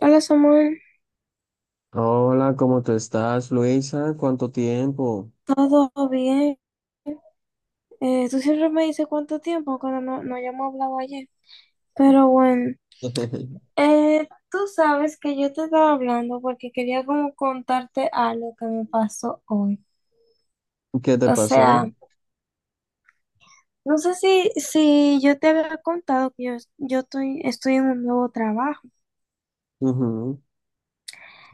Hola, Samuel. Hola, ¿cómo te estás, Luisa? ¿Cuánto tiempo? Todo bien. Tú siempre me dices "cuánto tiempo" cuando no hayamos hablado ayer. Pero bueno, tú sabes que yo te estaba hablando porque quería como contarte algo que me pasó hoy. ¿Qué te O pasó? sea, no sé si yo te había contado que yo estoy en un nuevo trabajo. Ujú.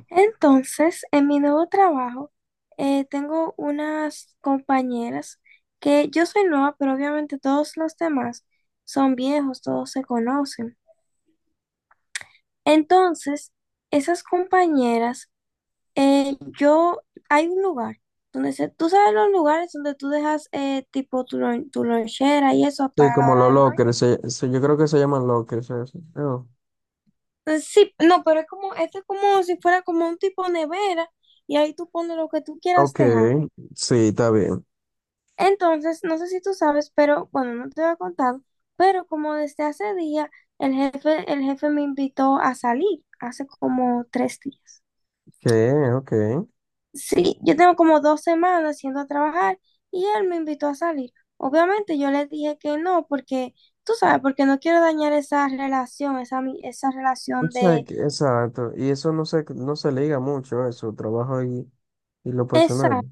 Entonces, en mi nuevo trabajo, tengo unas compañeras, que yo soy nueva, pero obviamente todos los demás son viejos, todos se conocen. Entonces, esas compañeras, eh, yo, hay un lugar tú sabes, los lugares donde tú dejas, tipo tu lonchera y eso Sí, para la como hora los del lunch. lockers, yo creo que se llaman lockers. Eso. Oh. Sí, no, pero es como, esto es como si fuera como un tipo nevera y ahí tú pones lo que tú quieras Ok. dejar. Sí, está bien. Entonces, no sé si tú sabes, pero bueno, no te había contado, pero como desde hace día, el jefe me invitó a salir, hace como 3 días. ¿Qué? Ok. Sí, yo tengo como 2 semanas yendo a trabajar y él me invitó a salir. Obviamente yo le dije que no, porque tú sabes, porque no quiero dañar esa relación, esa O relación sea, de exacto. Y eso no se liga mucho, eso, trabajo y lo esa. personal.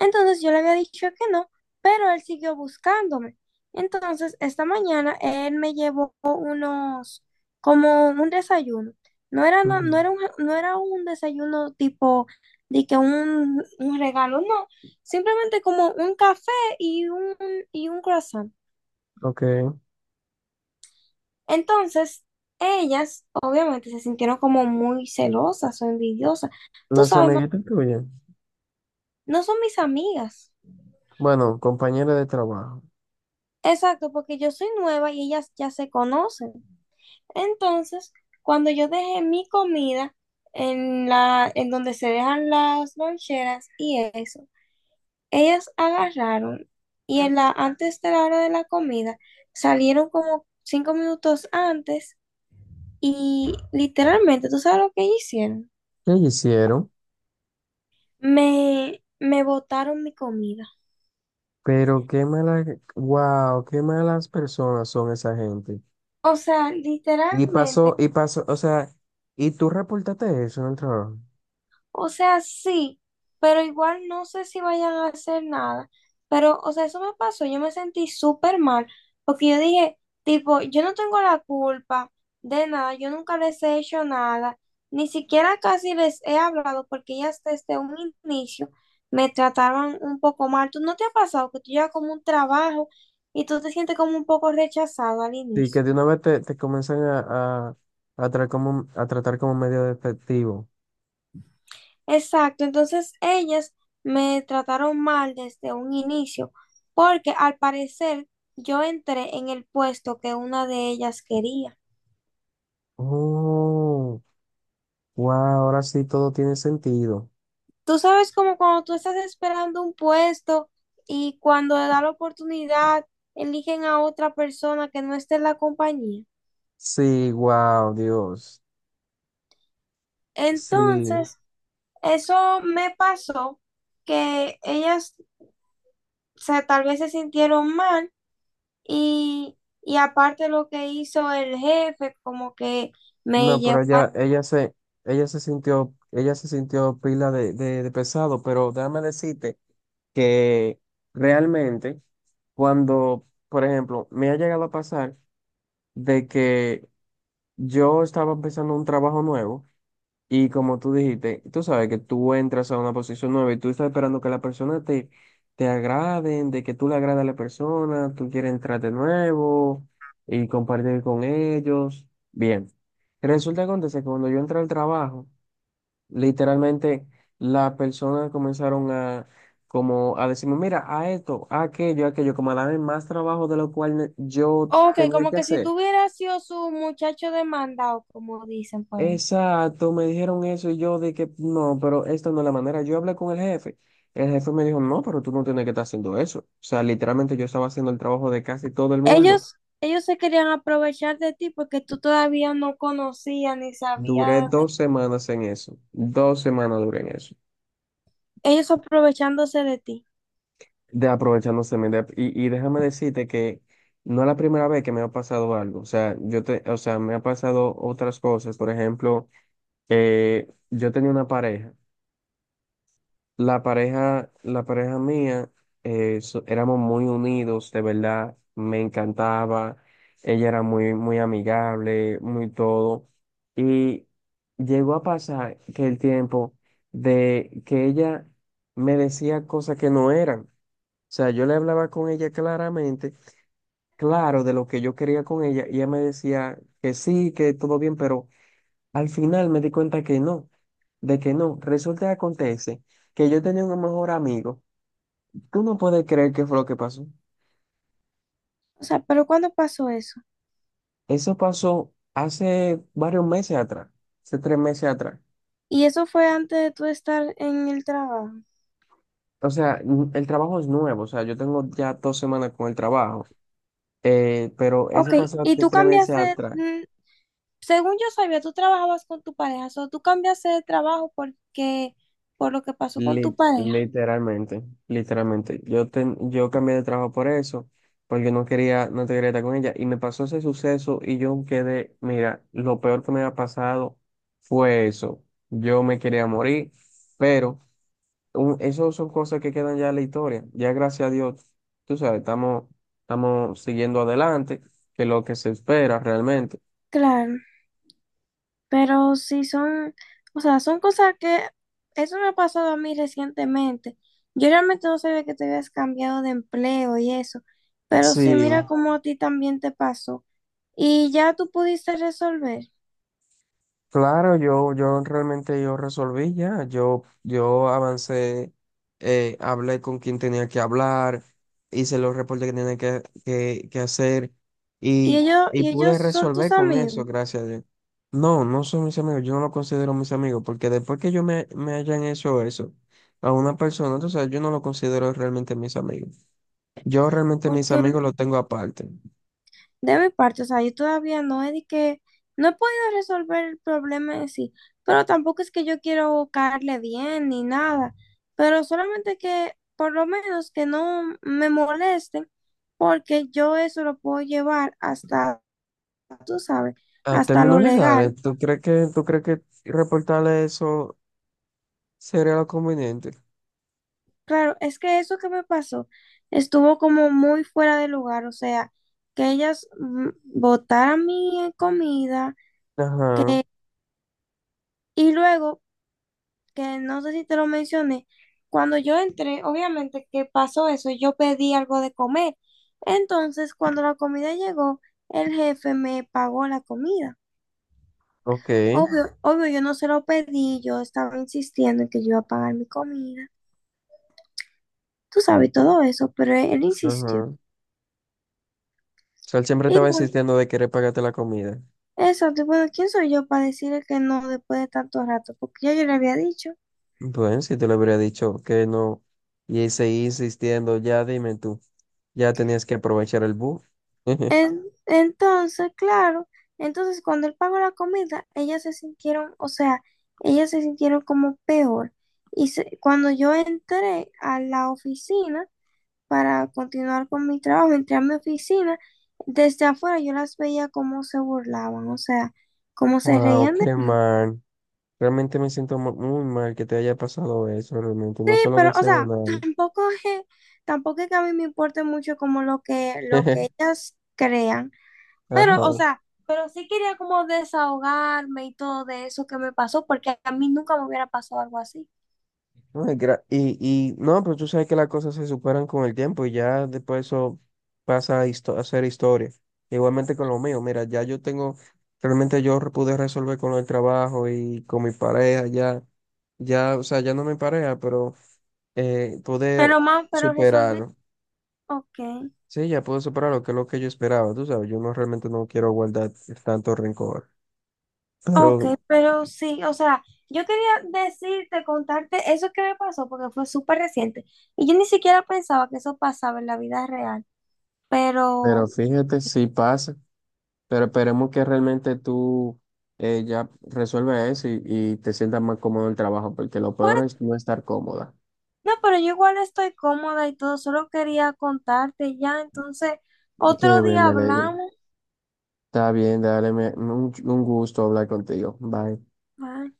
Entonces yo le había dicho que no, pero él siguió buscándome. Entonces esta mañana él me llevó como un desayuno. Ujú. No era un desayuno tipo de que un regalo, no. Simplemente como un café y y un croissant. Ok. Entonces ellas obviamente se sintieron como muy celosas o envidiosas. Tú Las sabes, ma, amiguitas tuyas, no son mis amigas. bueno, compañeras de trabajo, Exacto, porque yo soy nueva y ellas ya se conocen. Entonces, cuando yo dejé mi comida en donde se dejan las loncheras y eso, ellas agarraron y antes de la hora de la comida salieron como 5 minutos antes y, literalmente, ¿tú sabes lo que ellas hicieron? ¿qué hicieron? Me botaron mi comida. Pero qué malas, wow, qué malas personas son esa gente. O sea, Y literalmente. pasó, y pasó, o sea, y tú reportaste eso en el trabajo. O sea, sí, pero igual no sé si vayan a hacer nada. Pero, o sea, eso me pasó, yo me sentí súper mal, porque yo dije, tipo, yo no tengo la culpa de nada, yo nunca les he hecho nada, ni siquiera casi les he hablado, porque ellas desde un inicio me trataban un poco mal. ¿Tú no te ha pasado que tú llevas como un trabajo y tú te sientes como un poco rechazado al Sí, que inicio? de una vez te comienzan a tratar como medio efectivo. Exacto, entonces ellas me trataron mal desde un inicio, porque al parecer yo entré en el puesto que una de ellas quería. Oh, wow, ahora sí todo tiene sentido. Tú sabes como cuando tú estás esperando un puesto y cuando le da la oportunidad, eligen a otra persona que no esté en la compañía. Sí, wow, Dios. Sí. Entonces, eso me pasó, que ellas, o sea, tal vez se sintieron mal. Y, y aparte, lo que hizo el jefe, como que me No, pero llevó a... ella, ella se sintió pila de pesado, pero déjame decirte que realmente cuando, por ejemplo, me ha llegado a pasar de que yo estaba empezando un trabajo nuevo y como tú dijiste, tú sabes que tú entras a una posición nueva y tú estás esperando que la persona te agraden, de que tú le agrades a la persona, tú quieres entrar de nuevo y compartir con ellos. Bien, resulta que acontece que cuando yo entré al trabajo, literalmente las personas comenzaron a, como, a decirme, mira, a esto, a aquello, como a darme más trabajo de lo cual yo Ok, tenía como que que si hacer. tuviera sido su muchacho demandado, como dicen por ahí. Exacto, me dijeron eso y yo de que no, pero esta no es la manera. Yo hablé con el jefe. El jefe me dijo, no, pero tú no tienes que estar haciendo eso. O sea, literalmente yo estaba haciendo el trabajo de casi todo el mundo. Ellos, ellos se querían aprovechar de ti porque tú todavía no conocías ni Duré sabías. 2 semanas en eso. 2 semanas duré en eso. Ellos aprovechándose de ti. De aprovechándose. Y déjame decirte que no es la primera vez que me ha pasado algo. O sea, o sea, me ha pasado otras cosas. Por ejemplo, yo tenía una pareja. La pareja mía, éramos muy unidos, de verdad, me encantaba, ella era muy, muy amigable, muy todo, y llegó a pasar que el tiempo de que ella me decía cosas que no eran, o sea, yo le hablaba con ella claramente, claro, de lo que yo quería con ella, y ella me decía que sí, que todo bien, pero al final me di cuenta que no, de que no. Resulta que acontece que yo tenía un mejor amigo. Tú no puedes creer qué fue lo que pasó. O sea, pero ¿cuándo pasó eso? Eso pasó hace varios meses atrás, hace 3 meses atrás. Y eso fue antes de tú estar en el trabajo. O sea, el trabajo es nuevo, o sea, yo tengo ya 2 semanas con el trabajo, pero Ok, eso pasó y hace tú 3 meses cambiaste, atrás. Según yo sabía, tú trabajabas con tu pareja, o tú cambiaste de trabajo porque, por lo que pasó con tu pareja. Literalmente, literalmente. Yo cambié de trabajo por eso, porque no quería, no te quería estar con ella. Y me pasó ese suceso y yo quedé, mira, lo peor que me había pasado fue eso. Yo me quería morir, pero eso son cosas que quedan ya en la historia. Ya gracias a Dios, tú sabes, estamos siguiendo adelante, que es lo que se espera realmente. Claro, pero sí son, o sea, son cosas que, eso me ha pasado a mí recientemente. Yo realmente no sabía que te habías cambiado de empleo y eso, pero sí, Sí. mira cómo a ti también te pasó. Y ya tú pudiste resolver. Claro, yo realmente yo resolví ya, yo avancé, hablé con quien tenía que hablar, hice los reportes que tenía que hacer Y y, ellos, y y pude ellos son tus resolver con eso, amigos, gracias a Dios. No, no son mis amigos, yo no lo considero mis amigos, porque después que yo me hayan hecho eso a una persona, entonces yo no lo considero realmente mis amigos. Yo realmente mis porque amigos los tengo aparte. de mi parte, o sea, yo todavía no he no he podido resolver el problema en sí, pero tampoco es que yo quiero caerle bien ni nada, pero solamente que por lo menos que no me molesten, porque yo eso lo puedo llevar hasta, tú sabes, A hasta lo términos legal. legales, ¿tú crees que reportarle eso? Sería lo conveniente. Claro, es que eso que me pasó estuvo como muy fuera de lugar, o sea, que ellas botaran mi comida. Ajá, Y luego, que no sé si te lo mencioné, cuando yo entré, obviamente que pasó eso, yo pedí algo de comer. Entonces, cuando la comida llegó, el jefe me pagó la comida. ok, Obvio, obvio, yo no se lo pedí, yo estaba insistiendo en que yo iba a pagar mi comida. Tú sabes todo eso, pero él insistió. ajá. O sea, él siempre Y estaba bueno, insistiendo de querer pagarte la comida. eso, bueno, ¿quién soy yo para decirle que no después de tanto rato? Porque ya yo le había dicho. Bueno, si te lo hubiera dicho que no, y él seguía insistiendo, ya dime tú, ya tenías que aprovechar el bus. Entonces, claro, entonces cuando él pagó la comida, ellas se sintieron, o sea, ellas se sintieron como peor. Y cuando yo entré a la oficina para continuar con mi trabajo, entré a mi oficina, desde afuera yo las veía cómo se burlaban, o sea, cómo se Wow, reían de qué mí, mal. Realmente me siento muy mal que te haya pasado eso, realmente. No se lo pero, o deseo a sea, nadie. tampoco es, tampoco es que a mí me importe mucho como lo que ellas crean. Ajá. Pero, o sea, pero sí quería como desahogarme y todo de eso que me pasó, porque a mí nunca me hubiera pasado algo así. No. Y no, pero tú sabes que las cosas se superan con el tiempo y ya después eso pasa a ser historia. Igualmente con lo mío, mira, ya realmente pude resolver con el trabajo y con mi pareja, ya, ya, o sea, ya no mi pareja, pero Pero pude más, pero resolví. superarlo. Ok. Sí, ya pude superarlo, que es lo que yo esperaba, tú sabes, yo no realmente no quiero guardar tanto rencor. Ok, Pero pero sí, o sea, yo quería contarte eso que me pasó, porque fue súper reciente. Y yo ni siquiera pensaba que eso pasaba en la vida real. Pero, Pero fíjate si pasa. Pero esperemos que realmente tú ya resuelvas eso y te sientas más cómodo en el trabajo, porque lo peor pues, es no estar cómoda. no, pero yo igual estoy cómoda y todo, solo quería contarte ya, entonces, Qué otro bien, día me alegro. hablamos. Está bien, dale, un gusto hablar contigo. Bye. Bye.